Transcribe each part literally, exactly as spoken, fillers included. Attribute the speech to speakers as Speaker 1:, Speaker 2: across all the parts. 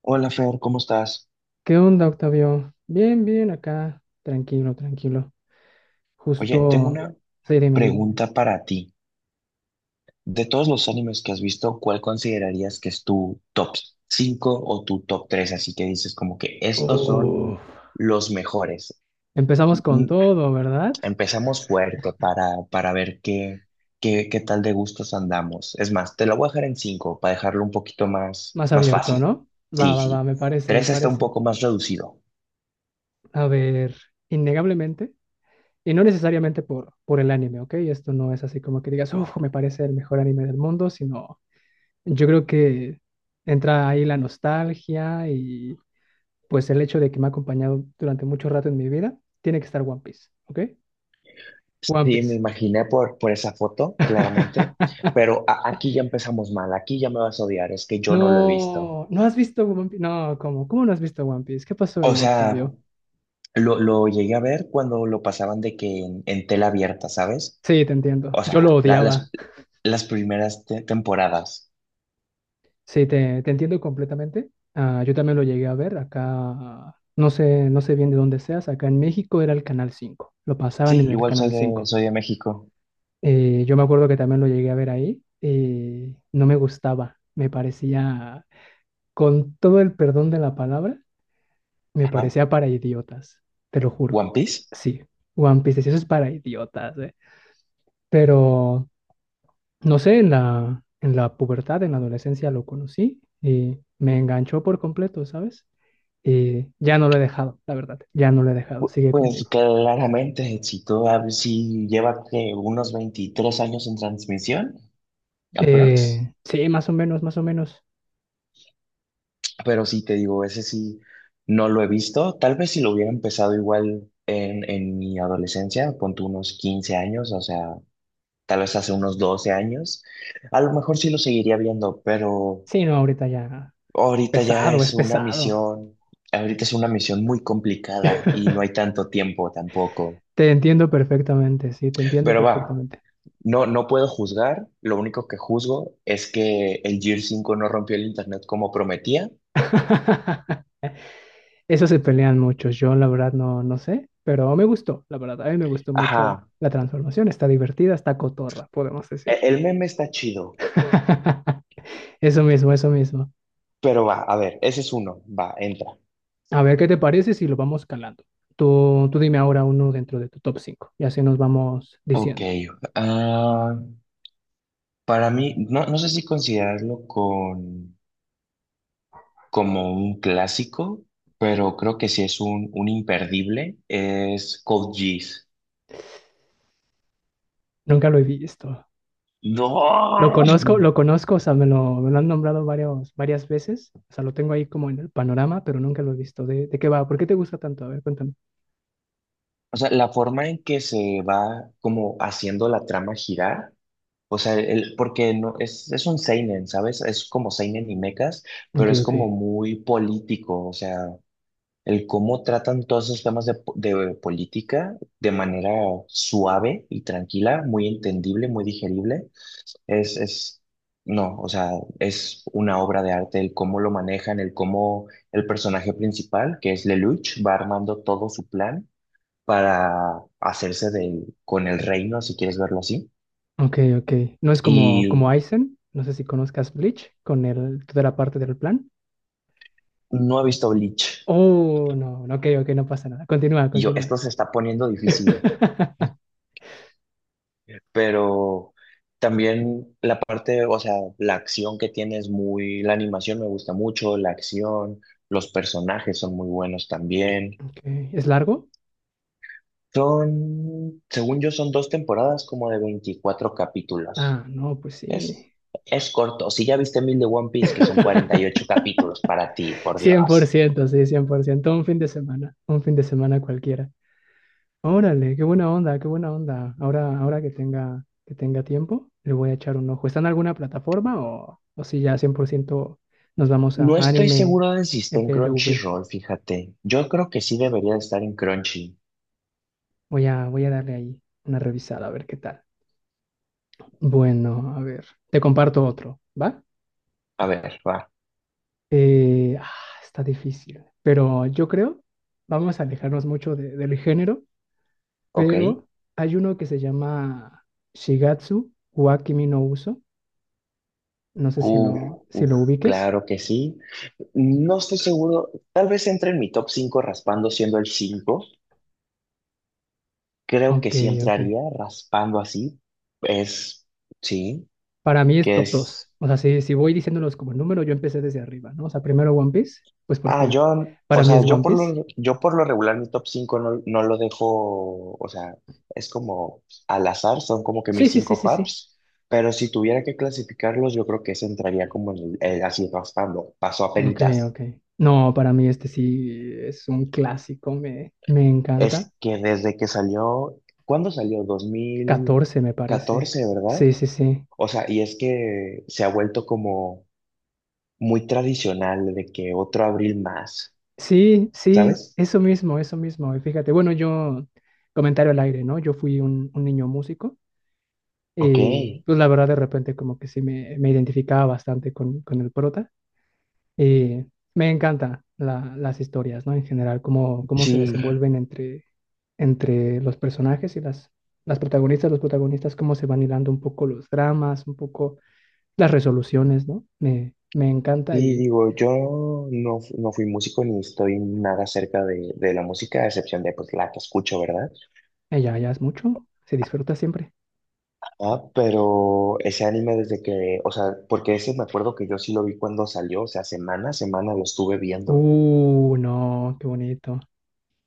Speaker 1: Hola Fer, ¿cómo estás?
Speaker 2: ¿Qué onda, Octavio? Bien, bien, acá. Tranquilo, tranquilo.
Speaker 1: Oye, tengo
Speaker 2: Justo.
Speaker 1: una
Speaker 2: Sí, dime, dime.
Speaker 1: pregunta para ti. De todos los animes que has visto, ¿cuál considerarías que es tu top cinco o tu top tres? Así que dices como que estos son
Speaker 2: Uf.
Speaker 1: los mejores.
Speaker 2: Empezamos con
Speaker 1: Mm,
Speaker 2: todo, ¿verdad?
Speaker 1: Empezamos fuerte para, para ver qué, qué, qué tal de gustos andamos. Es más, te lo voy a dejar en cinco para dejarlo un poquito más,
Speaker 2: Más
Speaker 1: más
Speaker 2: abierto,
Speaker 1: fácil.
Speaker 2: ¿no? Va,
Speaker 1: Sí,
Speaker 2: va, va,
Speaker 1: sí.
Speaker 2: me parece, me
Speaker 1: Tres está un
Speaker 2: parece.
Speaker 1: poco más reducido.
Speaker 2: A ver, innegablemente, y no necesariamente por, por el anime, ¿ok? Esto no es así como que digas, uf, me parece el mejor anime del mundo, sino yo creo que entra ahí la nostalgia y pues el hecho de que me ha acompañado durante mucho rato en mi vida, tiene que estar One Piece, ¿ok? One
Speaker 1: Sí, me
Speaker 2: Piece.
Speaker 1: imaginé por, por esa foto, claramente, pero a- aquí ya empezamos mal, aquí ya me vas a odiar, es que yo no lo he visto.
Speaker 2: No, no has visto One Piece. No, ¿cómo? ¿Cómo no has visto One Piece? ¿Qué pasó
Speaker 1: O
Speaker 2: ahí,
Speaker 1: sea,
Speaker 2: Octavio?
Speaker 1: lo, lo llegué a ver cuando lo pasaban de que en, en tela abierta, ¿sabes?
Speaker 2: Sí, te entiendo.
Speaker 1: O
Speaker 2: Yo lo
Speaker 1: sea, la-
Speaker 2: odiaba.
Speaker 1: las, las primeras te- temporadas.
Speaker 2: Sí, te, te entiendo completamente. Ah, yo también lo llegué a ver acá. No sé, no sé bien de dónde seas. Acá en México era el Canal cinco. Lo pasaban
Speaker 1: Sí,
Speaker 2: en el
Speaker 1: igual soy
Speaker 2: Canal
Speaker 1: de,
Speaker 2: cinco.
Speaker 1: soy de México.
Speaker 2: Eh, yo me acuerdo que también lo llegué a ver ahí. eh, no me gustaba. Me parecía, con todo el perdón de la palabra, me
Speaker 1: Ajá.
Speaker 2: parecía para idiotas, te lo juro.
Speaker 1: ¿One Piece?
Speaker 2: Sí, One Piece, sí, eso es para idiotas, ¿eh? Pero, no sé, en la, en la pubertad, en la adolescencia lo conocí y me enganchó por completo, ¿sabes? Y ya no lo he dejado, la verdad, ya no lo he dejado,
Speaker 1: Pu-
Speaker 2: sigue
Speaker 1: Pues
Speaker 2: conmigo.
Speaker 1: claramente, si, tú, si lleva que unos veintitrés años en transmisión, aprox.
Speaker 2: Eh, sí, más o menos, más o menos.
Speaker 1: Pero sí, te digo, ese sí no lo he visto. Tal vez si lo hubiera empezado igual en, en mi adolescencia, ponte unos quince años, o sea, tal vez hace unos doce años, a lo mejor sí lo seguiría viendo, pero
Speaker 2: Sí, no, ahorita ya es
Speaker 1: ahorita ya
Speaker 2: pesado, es
Speaker 1: es una
Speaker 2: pesado.
Speaker 1: misión, ahorita es una misión muy complicada y no hay tanto tiempo tampoco.
Speaker 2: Te entiendo perfectamente, sí, te entiendo
Speaker 1: Pero va,
Speaker 2: perfectamente.
Speaker 1: no, no puedo juzgar, lo único que juzgo es que el Gear cinco no rompió el internet como prometía.
Speaker 2: Eso se pelean muchos. Yo la verdad no, no sé, pero me gustó, la verdad. A mí me gustó mucho
Speaker 1: Ajá,
Speaker 2: la transformación. Está divertida, está cotorra, podemos decir.
Speaker 1: e- el meme está chido.
Speaker 2: Eso mismo, eso mismo.
Speaker 1: Pero va, a ver, ese es uno. Va, entra.
Speaker 2: A ver qué te parece si lo vamos calando. Tú, tú dime ahora uno dentro de tu top cinco y así nos vamos
Speaker 1: Ok.
Speaker 2: diciendo.
Speaker 1: ah, para mí, no, no sé si considerarlo con, como un clásico, pero creo que sí es un, un imperdible. Es Code Geass.
Speaker 2: Nunca lo he visto.
Speaker 1: ¡No!
Speaker 2: Lo conozco, lo conozco, o sea, me lo, me lo han nombrado varios, varias veces. O sea, lo tengo ahí como en el panorama, pero nunca lo he visto. ¿De, de qué va? ¿Por qué te gusta tanto? A ver, cuéntame.
Speaker 1: O sea, la forma en que se va como haciendo la trama girar, o sea, el, porque no, es, es un seinen, ¿sabes? Es como seinen y mechas,
Speaker 2: Ok,
Speaker 1: pero es como
Speaker 2: ok.
Speaker 1: muy político, o sea, el cómo tratan todos esos temas de, po- de política de manera suave y tranquila, muy entendible, muy digerible, es, es, no, o sea, es una obra de arte el cómo lo manejan, el cómo el personaje principal, que es Lelouch, va armando todo su plan para hacerse del, con el reino, si quieres verlo así.
Speaker 2: Ok, ok. No es como, como
Speaker 1: Y
Speaker 2: Aizen, no sé si conozcas Bleach, con el, toda la parte del plan.
Speaker 1: no he visto Bleach.
Speaker 2: Oh, no, no, ok, ok, no pasa nada. Continúa,
Speaker 1: Y yo,
Speaker 2: continúa.
Speaker 1: esto se está poniendo difícil. Pero también la parte, o sea, la acción que tiene es muy, la animación me gusta mucho, la acción, los personajes son muy buenos también.
Speaker 2: Ok, ¿es largo?
Speaker 1: Son, según yo, son dos temporadas como de veinticuatro capítulos.
Speaker 2: Ah, no, pues
Speaker 1: Es,
Speaker 2: sí.
Speaker 1: es corto. Si ya viste mil de One Piece, que son cuarenta y ocho capítulos para ti, por
Speaker 2: Cien por
Speaker 1: Dios.
Speaker 2: ciento, sí, cien por ciento. Un fin de semana, un fin de semana cualquiera. Órale, qué buena onda, qué buena onda. Ahora, ahora que tenga, que tenga tiempo, le voy a echar un ojo. ¿Está en alguna plataforma o, o si ya cien por ciento nos vamos a
Speaker 1: No estoy
Speaker 2: anime
Speaker 1: seguro de si está en
Speaker 2: F L V?
Speaker 1: Crunchyroll, fíjate. Yo creo que sí debería de estar en Crunchy.
Speaker 2: Voy a, voy a darle ahí una revisada a ver qué tal. Bueno, a ver, te comparto otro, ¿va?
Speaker 1: A ver, va.
Speaker 2: Eh, ah, está difícil, pero yo creo, vamos a alejarnos mucho de- del género,
Speaker 1: Ok.
Speaker 2: pero hay uno que se llama Shigatsu wa Kimi no Uso. No sé si
Speaker 1: Uf,
Speaker 2: lo, si
Speaker 1: uf,
Speaker 2: lo ubiques.
Speaker 1: claro que sí. No estoy seguro, tal vez entre en mi top cinco raspando siendo el cinco. Creo que
Speaker 2: Ok,
Speaker 1: sí
Speaker 2: ok.
Speaker 1: entraría raspando así. Es, sí,
Speaker 2: Para mí es
Speaker 1: que
Speaker 2: top dos.
Speaker 1: es.
Speaker 2: O sea, si, si voy diciéndolos como número, yo empecé desde arriba, ¿no? O sea, primero One Piece, pues
Speaker 1: Ah,
Speaker 2: porque
Speaker 1: yo, o
Speaker 2: para mí
Speaker 1: sea,
Speaker 2: es
Speaker 1: yo
Speaker 2: One
Speaker 1: por
Speaker 2: Piece.
Speaker 1: lo, yo por lo regular mi top cinco no, no lo dejo, o sea, es como al azar, son como que
Speaker 2: Sí,
Speaker 1: mis
Speaker 2: sí, sí,
Speaker 1: cinco
Speaker 2: sí, sí.
Speaker 1: faps, pero si tuviera que clasificarlos, yo creo que ese entraría como en el, el así raspando, paso a.
Speaker 2: Ok, ok. No, para mí este sí es un clásico, me, me encanta.
Speaker 1: Es que desde que salió, ¿cuándo salió? dos mil
Speaker 2: Catorce me parece.
Speaker 1: catorce ¿verdad?
Speaker 2: Sí, sí, sí.
Speaker 1: O sea, y es que se ha vuelto como muy tradicional de que otro abril más,
Speaker 2: Sí, sí,
Speaker 1: ¿sabes?
Speaker 2: eso mismo, eso mismo. Y fíjate, bueno, yo, comentario al aire, ¿no? Yo fui un, un niño músico
Speaker 1: Ok,
Speaker 2: y pues la verdad de repente como que sí me, me identificaba bastante con, con el prota. Y me encantan la- las historias, ¿no? En general, cómo, cómo se
Speaker 1: sí,
Speaker 2: desenvuelven entre, entre los personajes y las, las protagonistas, los protagonistas, cómo se van hilando un poco los dramas, un poco las resoluciones, ¿no? Me, me encanta
Speaker 1: sí,
Speaker 2: y
Speaker 1: digo, yo no, fu- no fui músico ni estoy nada cerca de, de la música, a excepción de pues la que escucho, ¿verdad?
Speaker 2: ella ya es mucho, se disfruta siempre.
Speaker 1: Ah, pero ese anime desde que, o sea, porque ese me acuerdo que yo sí lo vi cuando salió, o sea, semana a semana lo estuve viendo.
Speaker 2: Uh, no, qué bonito.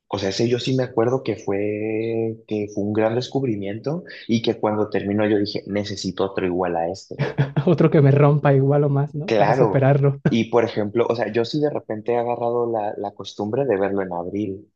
Speaker 1: O sea, ese yo sí me acuerdo que fue, que fue, un gran descubrimiento y que cuando terminó yo dije, necesito otro igual a este.
Speaker 2: Otro que me rompa igual o más, ¿no? Para
Speaker 1: Claro.
Speaker 2: superarlo.
Speaker 1: Y por ejemplo, o sea, yo sí de repente he agarrado la, la costumbre de verlo en abril.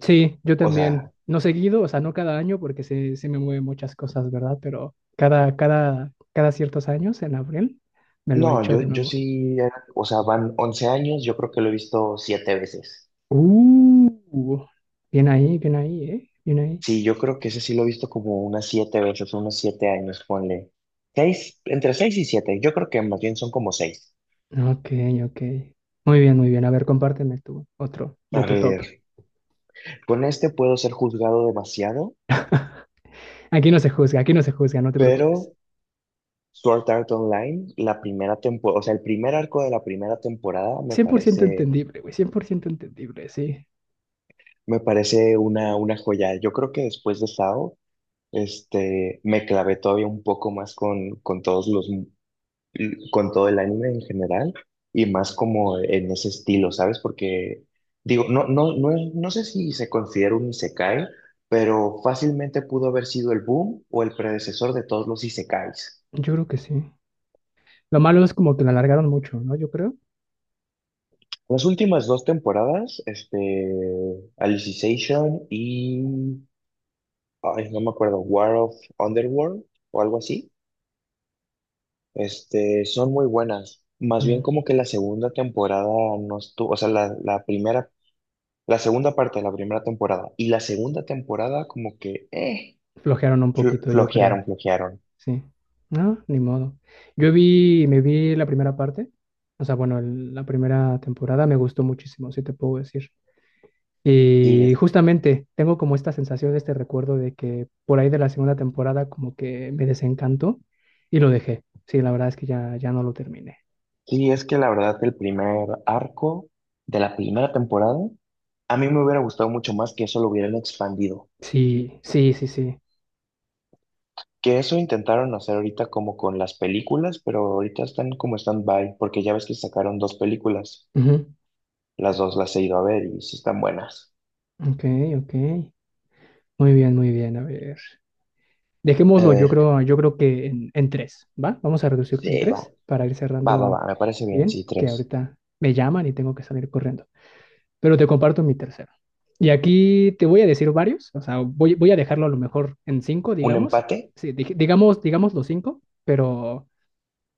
Speaker 2: Sí, yo
Speaker 1: O
Speaker 2: también.
Speaker 1: sea,
Speaker 2: No seguido, o sea, no cada año porque se, se me mueven muchas cosas, ¿verdad? Pero cada, cada, cada ciertos años, en abril, me lo
Speaker 1: no,
Speaker 2: echo
Speaker 1: yo,
Speaker 2: de
Speaker 1: yo
Speaker 2: nuevo.
Speaker 1: sí, era- o sea, van once años, yo creo que lo he visto siete veces.
Speaker 2: Uh, bien ahí, bien ahí, ¿eh? Bien ahí.
Speaker 1: Sí, yo creo que ese sí lo he visto como unas siete veces, unos siete años, ponle. Seis, entre seis y siete, yo creo que más bien son como seis.
Speaker 2: Ok, ok. Muy bien, muy bien. A ver, compárteme tú otro
Speaker 1: A
Speaker 2: de tu top.
Speaker 1: ver, con este puedo ser juzgado demasiado.
Speaker 2: Aquí no se juzga, aquí no se juzga, no te preocupes.
Speaker 1: Pero Sword Art Online, la primera temporada, o sea, el primer arco de la primera temporada me
Speaker 2: Cien por ciento
Speaker 1: parece,
Speaker 2: entendible, güey, cien por ciento entendible, sí.
Speaker 1: me parece una, una joya. Yo creo que después de Sao, este, me clavé todavía un poco más con, con todos los, con todo el anime en general y más como en ese estilo, ¿sabes? Porque digo, no, no, no, es- no sé si se considera un isekai, pero fácilmente pudo haber sido el boom o el predecesor de todos los isekais.
Speaker 2: Yo creo que sí. Lo malo es como que lo alargaron mucho, ¿no? Yo creo.
Speaker 1: Las últimas dos temporadas, este, Alicization y, ay, no me acuerdo, War of Underworld o algo así, este, son muy buenas. Más bien
Speaker 2: Mm,
Speaker 1: como que la segunda temporada no estuvo, o sea, la, la primera, la segunda parte de la primera temporada y la segunda temporada como que, eh,
Speaker 2: Flojearon un
Speaker 1: flo-
Speaker 2: poquito, yo creo.
Speaker 1: flojearon, flojearon.
Speaker 2: Sí. No, ni modo. Yo vi, me vi la primera parte, o sea, bueno, el- la primera temporada me gustó muchísimo, si te puedo decir.
Speaker 1: Sí,
Speaker 2: Y
Speaker 1: es,
Speaker 2: justamente tengo como esta sensación, este recuerdo de que por ahí de la segunda temporada como que me desencantó y lo dejé. Sí, la verdad es que ya, ya no lo terminé.
Speaker 1: sí, es que la verdad el primer arco de la primera temporada, a mí me hubiera gustado mucho más que eso lo hubieran expandido.
Speaker 2: Sí, sí, sí, sí.
Speaker 1: Que eso intentaron hacer ahorita como con las películas, pero ahorita están como stand-by, porque ya ves que sacaron dos películas.
Speaker 2: Ujú.
Speaker 1: Las dos las he ido a ver y sí están buenas.
Speaker 2: Ok, ok. Muy bien, muy bien. A ver.
Speaker 1: A
Speaker 2: Dejémoslo, yo
Speaker 1: ver,
Speaker 2: creo, yo creo que en, en tres, ¿va? Vamos a reducirlo
Speaker 1: sí,
Speaker 2: en
Speaker 1: va,
Speaker 2: tres para ir
Speaker 1: va, va,
Speaker 2: cerrando
Speaker 1: va, me parece bien,
Speaker 2: bien,
Speaker 1: sí,
Speaker 2: que
Speaker 1: tres.
Speaker 2: ahorita me llaman y tengo que salir corriendo. Pero te comparto mi tercero. Y aquí te voy a decir varios, o sea, voy, voy a dejarlo a lo mejor en cinco,
Speaker 1: ¿Un
Speaker 2: digamos.
Speaker 1: empate?
Speaker 2: Sí, dij- digamos, digamos los cinco, pero,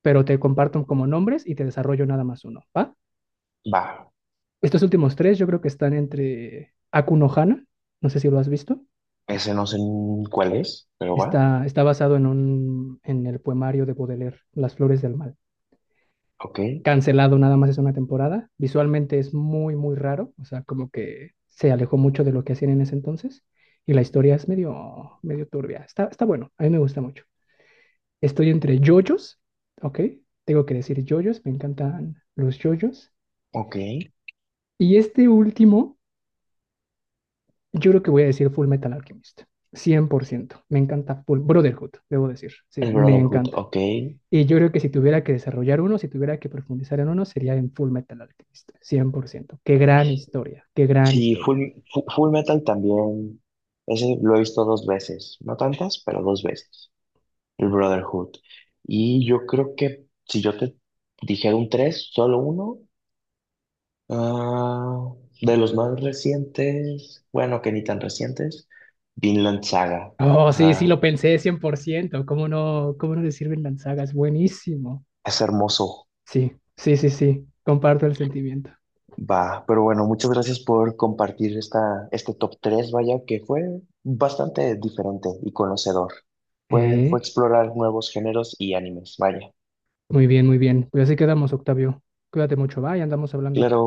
Speaker 2: pero te comparto como nombres y te desarrollo nada más uno, ¿va?
Speaker 1: Va.
Speaker 2: Estos últimos tres yo creo que están entre Akuno Hana, no sé si lo has visto.
Speaker 1: Ese no sé ni cuál es, pero va.
Speaker 2: Está, está basado en un, en el poemario de Baudelaire, Las flores del mal.
Speaker 1: Ok,
Speaker 2: Cancelado nada más es una temporada. Visualmente es muy, muy raro, o sea, como que se alejó mucho de lo que hacían en ese entonces y la historia es medio, medio turbia. Está, está bueno, a mí me gusta mucho. Estoy entre yoyos, ¿ok? Tengo que decir yoyos, me encantan los yoyos.
Speaker 1: ok.
Speaker 2: Y este último, yo creo que voy a decir Full Metal Alchemist, cien por ciento. Me encanta Full Brotherhood, debo decir. Sí,
Speaker 1: El
Speaker 2: me
Speaker 1: Brotherhood,
Speaker 2: encanta.
Speaker 1: ok.
Speaker 2: Y yo creo que si tuviera que desarrollar uno, si tuviera que profundizar en uno, sería en Full Metal Alchemist, cien por ciento. Qué gran historia, qué gran
Speaker 1: Sí,
Speaker 2: historia.
Speaker 1: Full, Fu- Full Metal también. Ese lo he visto dos veces, no tantas, pero dos veces. El Brotherhood. Y yo creo que si yo te dijera un tres, solo uno, ah, de los más recientes, bueno, que ni tan recientes, Vinland Saga.
Speaker 2: Oh,
Speaker 1: O
Speaker 2: sí, sí,
Speaker 1: sea,
Speaker 2: lo pensé cien por ciento. ¿Cómo no, cómo no le sirven las sagas? Buenísimo.
Speaker 1: es hermoso.
Speaker 2: Sí, sí, sí, sí. Comparto el sentimiento.
Speaker 1: Va, pero bueno, muchas gracias por compartir esta, este top tres vaya, que fue bastante diferente y conocedor. Fue, fue
Speaker 2: Eh,
Speaker 1: explorar nuevos géneros y animes, vaya.
Speaker 2: muy bien, muy bien. Pues así quedamos, Octavio. Cuídate mucho, va, y andamos hablando.
Speaker 1: Claro.